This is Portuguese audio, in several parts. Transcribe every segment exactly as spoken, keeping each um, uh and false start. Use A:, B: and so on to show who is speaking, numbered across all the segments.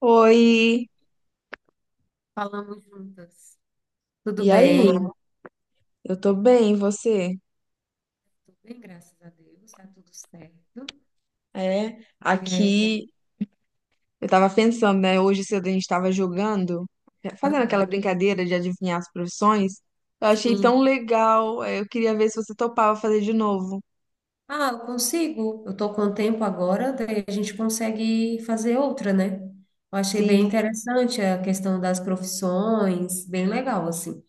A: Oi,
B: Falamos juntas. Tudo
A: e aí?
B: bem?
A: Eu tô bem, e você?
B: Tudo bem, graças a Deus, está tudo certo.
A: É,
B: É,
A: aqui eu tava pensando, né? Hoje cedo a gente tava jogando, fazendo aquela
B: aham,
A: brincadeira de adivinhar as profissões. Eu achei tão
B: sim.
A: legal. é, Eu queria ver se você topava fazer de novo.
B: Ah, eu consigo. Eu tô com tempo agora, daí a gente consegue fazer outra, né? Eu achei bem
A: Sim,
B: interessante a questão das profissões, bem legal, assim.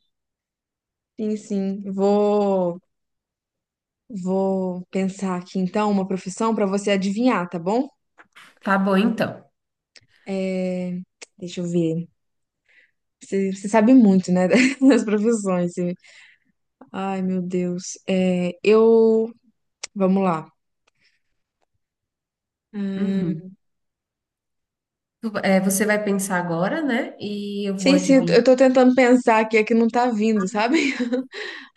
A: sim, sim. Vou, vou pensar aqui então uma profissão pra você adivinhar, tá bom?
B: Tá bom, então.
A: É, Deixa eu ver. Você, você sabe muito, né? Das profissões. Você- Ai, meu Deus. É, eu. Vamos lá. Hum,
B: Uhum. Tu- é, você vai pensar agora, né? E eu vou
A: Sim, sim, eu tô eu
B: adivinhar.
A: tô tentando pensar aqui, é que não tá vindo, sabe?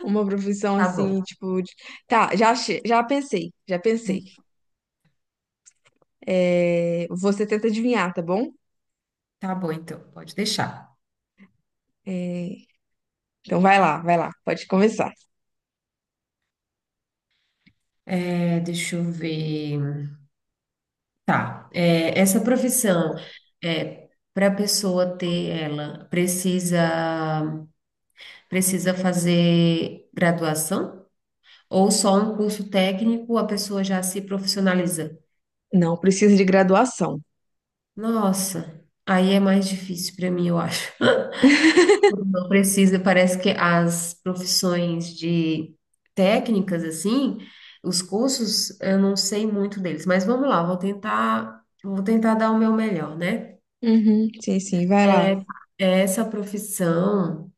A: Uma profissão
B: Tá bom.
A: assim, tipo. de- Tá, já, achei- já pensei, já pensei. É, Você tenta adivinhar, tá bom?
B: Tá bom, então, pode deixar.
A: É, Então vai lá, vai lá, pode começar.
B: É, deixa eu ver. Tá, é, essa profissão, é, para a pessoa ter ela, precisa, precisa fazer graduação? Ou só um curso técnico a pessoa já se profissionaliza?
A: Não, precisa de graduação.
B: Nossa, aí é mais difícil para mim, eu acho. Não precisa, parece que as profissões de técnicas, assim, os cursos, eu não sei muito deles, mas vamos lá, vou tentar, vou tentar dar o meu melhor, né?
A: Uhum, sim, sim, vai lá.
B: É, essa profissão,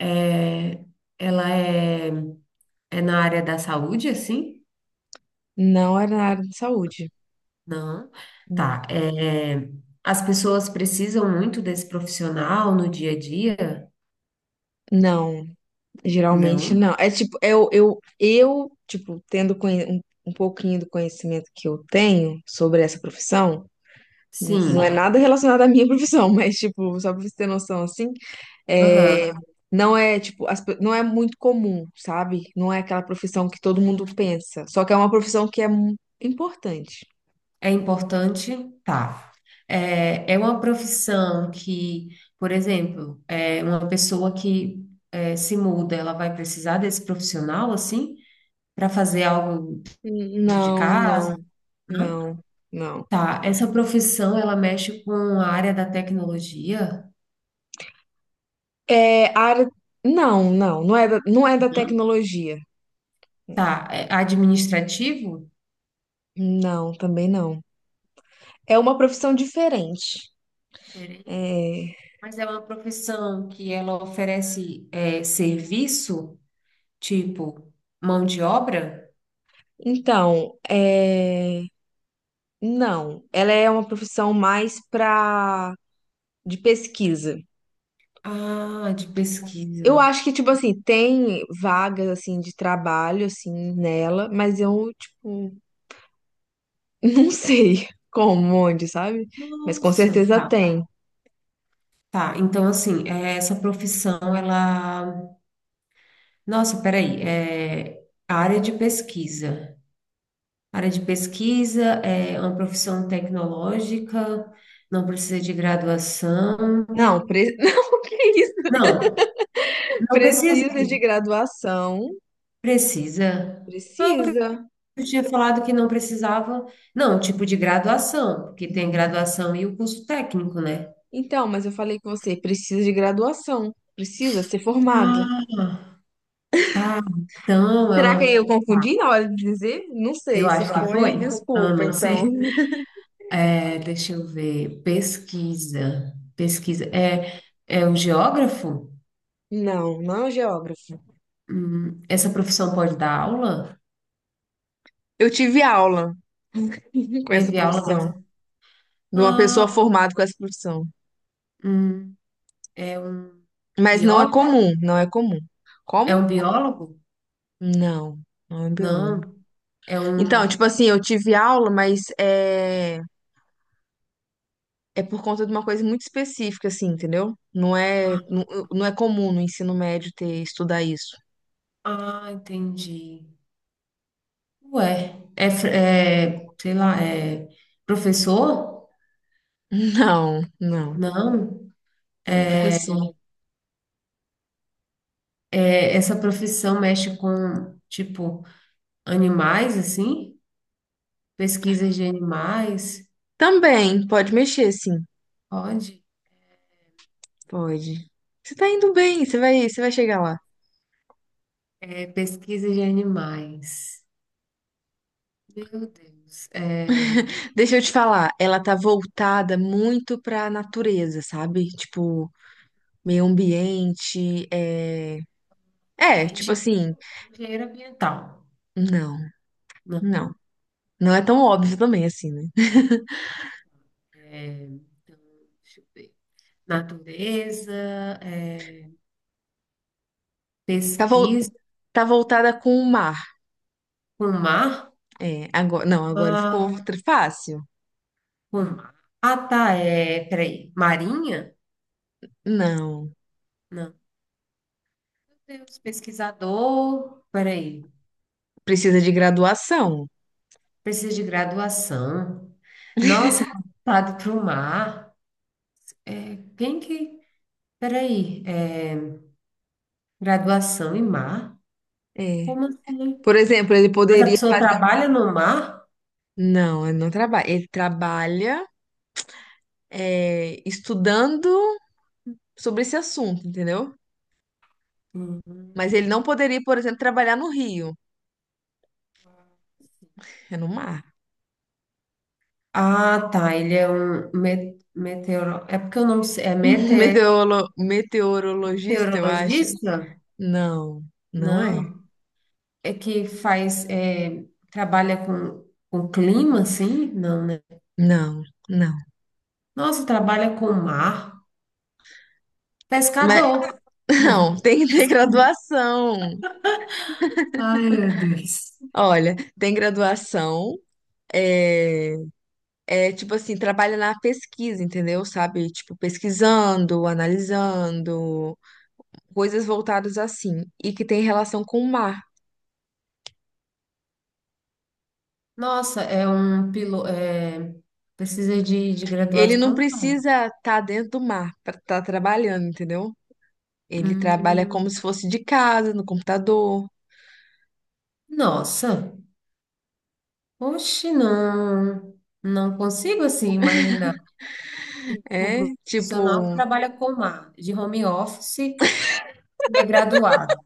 B: é, ela é, é na área da saúde, assim?
A: Não é na área de saúde.
B: Não.
A: Não.
B: Tá. É, as pessoas precisam muito desse profissional no dia a dia?
A: Não, geralmente
B: Não.
A: não. É tipo, eu, eu, eu tipo, tendo conhe- um, um pouquinho do conhecimento que eu tenho sobre essa profissão. N- Não é
B: Sim.
A: nada relacionado à minha profissão, mas, tipo, só pra você ter noção, assim, é,
B: Aham.
A: não é, tipo, as pe- não é muito comum, sabe? Não é aquela profissão que todo mundo pensa. Só que é uma profissão que é mu- importante.
B: É importante? Tá. É, é uma profissão que, por exemplo, é uma pessoa que é, se muda, ela vai precisar desse profissional, assim, para fazer algo
A: N-
B: dentro de
A: Não,
B: casa?
A: não,
B: Não?
A: não, não.
B: Tá, essa profissão ela mexe com a área da tecnologia?
A: É, a área... Não, não, não é da, não é da
B: Não?
A: tecnologia.
B: Tá, é administrativo?
A: Não, também não. É uma profissão diferente.
B: Peraí.
A: É,
B: Mas é uma profissão que ela oferece é, serviço, tipo mão de obra?
A: Então, é, não, ela é uma profissão mais para de pesquisa.
B: Ah, de pesquisa.
A: Eu acho que, tipo assim, tem vagas, assim, de trabalho, assim, nela, mas eu, tipo, não sei como, onde, sabe? Mas com
B: Nossa.
A: certeza
B: Tá,
A: tem.
B: tá. Então, assim, é, essa profissão, ela. Nossa, peraí. É, área de pesquisa. Área de pesquisa é uma profissão tecnológica, não precisa de graduação.
A: Não, pre... não, que isso?
B: Não, não precisa
A: Precisa de
B: de.
A: graduação.
B: Precisa.
A: Precisa.
B: Eu tinha falado que não precisava, não, tipo de graduação, porque tem graduação e o curso técnico, né?
A: Então, mas eu falei com você, precisa de graduação. Precisa ser formado.
B: Ah, tá. Então, é
A: Será que
B: uma.
A: eu confundi
B: Tá,
A: na hora de dizer? Não
B: eu
A: sei, se
B: acho que
A: foi,
B: foi. Ah,
A: desculpa,
B: não sei.
A: então.
B: É, deixa eu ver. Pesquisa. Pesquisa. É, é o geógrafo?
A: Não, não é um geógrafo.
B: Hum, essa profissão pode dar aula?
A: Eu tive aula com essa
B: Teve aula dessa.
A: profissão. De uma
B: Ah,
A: pessoa formada com essa profissão.
B: hum, é um
A: Mas não é
B: biólogo?
A: comum, não é comum.
B: É um
A: Como?
B: biólogo?
A: Não, não é
B: Não,
A: biólogo.
B: é
A: Então,
B: um.
A: tipo assim, eu tive aula, mas é, é por conta de uma coisa muito específica, assim, entendeu? Não é,
B: Ah,
A: não, não é comum no ensino médio ter estudar isso.
B: ah, entendi. Ué, é, fr- é, sei lá, é professor?
A: Não, não,
B: Não,
A: não é professor.
B: é, essa profissão mexe com, tipo, animais, assim? Pesquisas de animais?
A: Também, pode mexer, sim,
B: Pode?
A: pode. Você tá indo bem, você vai, você vai chegar lá.
B: É pesquisa de animais. Meu Deus. É,
A: Deixa eu te falar, ela tá voltada muito pra natureza, sabe? Tipo, meio ambiente, é...
B: é
A: É, tipo
B: engenheiro
A: assim,
B: engenheiro ambiental.
A: não,
B: Não.
A: não. Não é tão óbvio também, assim, né?
B: É, então, deixa eu ver. Natureza, é,
A: Tá, vol-
B: pesquisa
A: tá voltada com o mar.
B: com mar,
A: É, agora, não, agora ficou
B: mar,
A: tr- fácil.
B: com mar. Ah, tá, é, peraí, marinha?
A: Não,
B: Não, meu Deus, pesquisador, peraí,
A: precisa de graduação.
B: precisa de graduação. Nossa, tá voltado para o mar. É, quem que, peraí, é, graduação em mar?
A: É.
B: Como assim?
A: Por exemplo, ele
B: Mas a
A: poderia
B: pessoa
A: fazer um...
B: trabalha no mar?
A: Não, ele não trabalha. Ele trabalha, é, estudando sobre esse assunto, entendeu?
B: Hum.
A: Mas ele não poderia, por exemplo, trabalhar no Rio. É no mar.
B: Ah, tá. Ele é um me- meteoro. É porque eu não sei. É mete- é
A: Meteorolo- Meteorologista, eu acho.
B: meteorologista?
A: Não, não é.
B: Não. É que faz. É, trabalha com, com clima, assim? Não, né?
A: Não, não.
B: Nossa, trabalha com mar.
A: Mas
B: Pescador.
A: não,
B: Não.
A: tem que ter graduação.
B: Ai, meu Deus.
A: Olha, tem graduação. É, é tipo assim, trabalha na pesquisa, entendeu? Sabe? Tipo, pesquisando, analisando, coisas voltadas assim, e que tem relação com o mar.
B: Nossa, é um piloto. É, precisa de, de
A: Ele não
B: graduação, cara?
A: precisa estar dentro do mar para estar trabalhando, entendeu? Ele trabalha como
B: Hum,
A: se fosse de casa, no computador.
B: nossa. Oxe, não. Não consigo assim imaginar. Tipo, um
A: É,
B: profissional que
A: tipo,
B: trabalha com mar, de home office, e é graduado.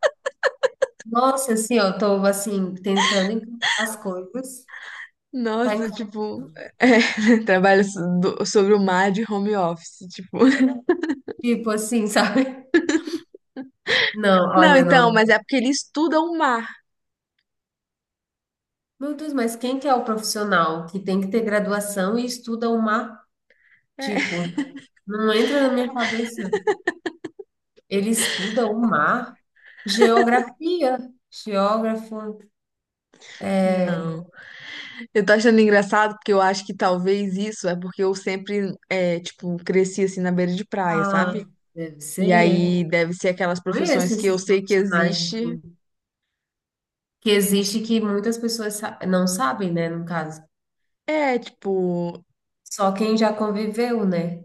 B: Nossa, assim, ó, eu tô, assim, tentando encaixar as coisas, tá,
A: Nossa,
B: enca-
A: tipo, é, trabalho so- do- sobre o mar de home office, tipo.
B: tipo, assim, sabe? Não,
A: Não,
B: olha,
A: então,
B: não.
A: mas é porque ele estuda o mar.
B: Meu Deus, mas quem que é o profissional que tem que ter graduação e estuda o mar?
A: É.
B: Tipo, não entra na minha cabeça. Ele estuda o mar, geografia, geógrafo. é,
A: Não. Eu tô achando engraçado porque eu acho que talvez isso é porque eu sempre, é, tipo, cresci assim na beira de praia, sabe?
B: Ah, deve
A: E
B: ser.
A: aí deve ser aquelas
B: Conheço
A: profissões que eu
B: esses
A: sei que
B: profissionais,
A: existe.
B: assim, que existe, que muitas pessoas sa- não sabem, né, no caso.
A: É, tipo.
B: Só quem já conviveu, né?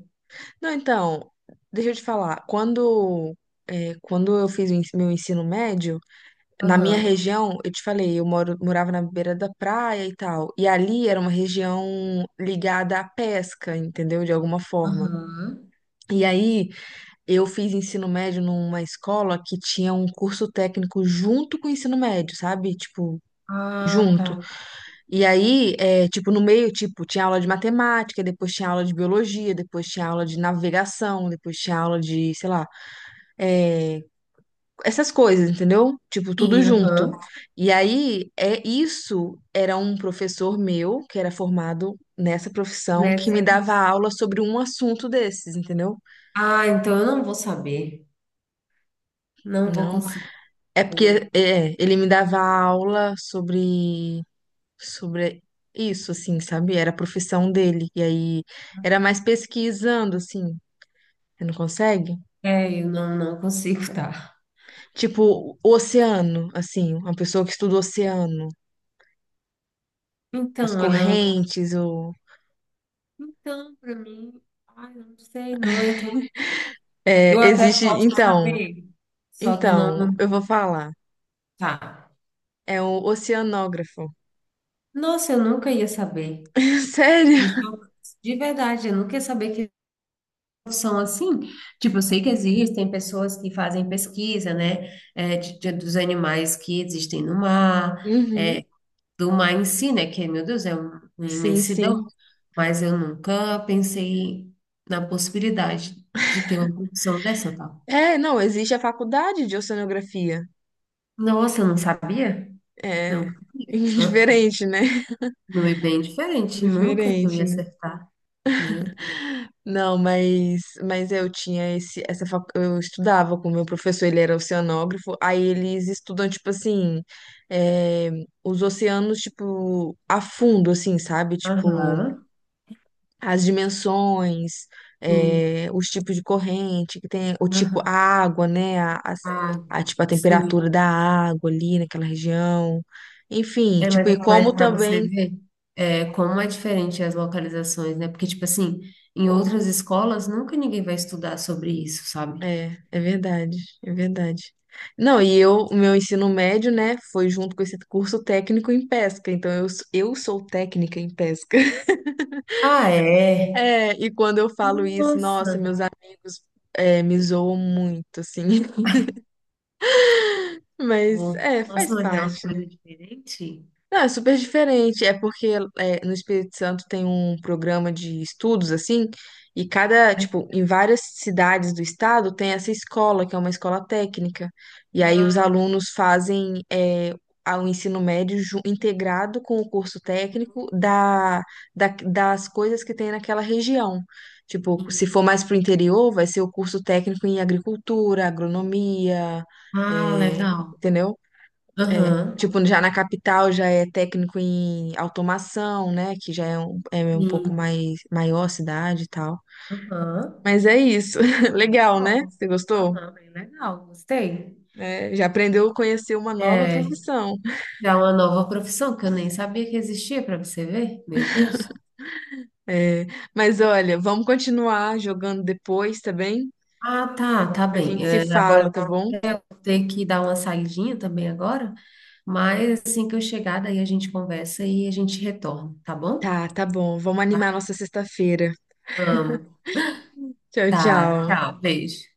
A: Não, então, deixa eu te falar. Quando, é, quando eu fiz o ens- meu ensino médio, na minha
B: Aham,
A: região, eu te falei, eu moro, morava na beira da praia e tal. E ali era uma região ligada à pesca, entendeu? De alguma forma.
B: aham.
A: E aí, eu fiz ensino médio numa escola que tinha um curso técnico junto com o ensino médio, sabe? Tipo,
B: Ah,
A: junto.
B: tá.
A: E aí, é, tipo, no meio, tipo, tinha aula de matemática, depois tinha aula de biologia, depois tinha aula de navegação, depois tinha aula de, sei lá, é, essas coisas, entendeu? Tipo, tudo
B: Sim,
A: junto.
B: aham.
A: E aí, é isso era um professor meu, que era formado nessa profissão, que me
B: Nessa
A: dava
B: pessoa.
A: aula sobre um assunto desses, entendeu?
B: Ah, então eu não vou saber. Não vou
A: Não.
B: conseguir.
A: É
B: Não.
A: porque é, ele me dava aula sobre sobre isso, assim, sabe? Era a profissão dele. E aí era mais pesquisando, assim. Você não consegue?
B: É, eu não, não, consigo, tá?
A: Tipo, o oceano, assim, uma pessoa que estuda o oceano, as
B: Então, ela é uma pessoa.
A: correntes, o
B: Então, para mim, ai, não sei, não entra. Eu
A: é,
B: até
A: existe,
B: posso
A: então,
B: saber, só que eu não.
A: então, eu vou falar.
B: Tá.
A: É um oceanógrafo.
B: Nossa, eu nunca ia saber.
A: Sério?
B: Me chocou. De verdade, eu nunca ia saber que profissão assim? Tipo, eu sei que existem pessoas que fazem pesquisa, né, é, de- de- dos animais que existem no mar,
A: Uhum.
B: é, do mar em si, né, que, meu Deus, é um- uma
A: Sim,
B: imensidão,
A: sim.
B: mas eu nunca pensei na possibilidade de ter uma profissão dessa, tá?
A: É, não, existe a faculdade de oceanografia.
B: Nossa, eu não sabia? Não,
A: É
B: sabia. Ah, ah.
A: diferente, né?
B: Não é bem diferente, nunca que eu
A: Diferente,
B: ia
A: né?
B: acertar. Meu Deus.
A: Não, mas, mas eu tinha esse, essa, fac- eu estudava com o meu professor, ele era oceanógrafo, aí eles estudam, tipo assim, é, os oceanos, tipo, a fundo, assim, sabe? Tipo,
B: Aham,
A: as dimensões,
B: sim,
A: eh, os tipos de corrente que tem, o tipo, a
B: aham.
A: água, né? A, as-
B: Ah,
A: a, tipo, a temperatura
B: sim,
A: da água ali naquela região. Enfim,
B: É,
A: tipo, e
B: mas, mas
A: como
B: para você
A: também.
B: ver é, como é diferente as localizações, né? Porque, tipo assim, em outras escolas nunca ninguém vai estudar sobre isso, sabe?
A: É, é verdade, é verdade. Não, e eu, o meu ensino médio, né, foi junto com esse curso técnico em pesca, então eu, s- eu sou técnica em pesca.
B: Ah, é?
A: É, e quando eu falo isso, nossa,
B: Nossa!
A: meus amigos, é, me zoam muito, assim. Mas,
B: Ó,
A: é,
B: nossa,
A: faz
B: mas é uma
A: parte.
B: coisa diferente?
A: Não, é super diferente. É porque é, no Espírito Santo tem um programa de estudos, assim, e cada, tipo, em várias cidades do estado tem essa escola, que é uma escola técnica. E aí os
B: Ah,
A: alunos fazem é, a- o ensino médio ju- integrado com o curso técnico
B: nossa,
A: da, da- das coisas que tem naquela região. Tipo, se
B: sim.
A: for mais pro interior, vai ser o curso técnico em agricultura, agronomia,
B: Ah,
A: é,
B: legal.
A: entendeu? É,
B: Aham,
A: tipo, já na capital já é técnico em automação, né? Que já é um, é um pouco
B: sim.
A: mais maior a cidade e tal.
B: Aham.
A: Mas é isso.
B: Ah,
A: Legal, né?
B: legal.
A: Você gostou?
B: Aham, bem legal, gostei.
A: É, já aprendeu a conhecer uma nova
B: É,
A: profissão.
B: já é uma nova profissão que eu nem sabia que existia, para você ver. Meu Deus.
A: É, mas olha, vamos continuar jogando depois, tá bem?
B: Ah, tá, tá
A: A
B: bem.
A: gente se
B: É,
A: fala,
B: agora
A: tá bom?
B: eu vou ter que dar uma saidinha também agora, mas assim que eu chegar, daí a gente conversa e a gente retorna, tá bom?
A: Tá, tá bom. Vamos animar
B: Tá?
A: nossa sexta-feira.
B: Amo.
A: Tchau,
B: Tá,
A: tchau.
B: tchau, beijo.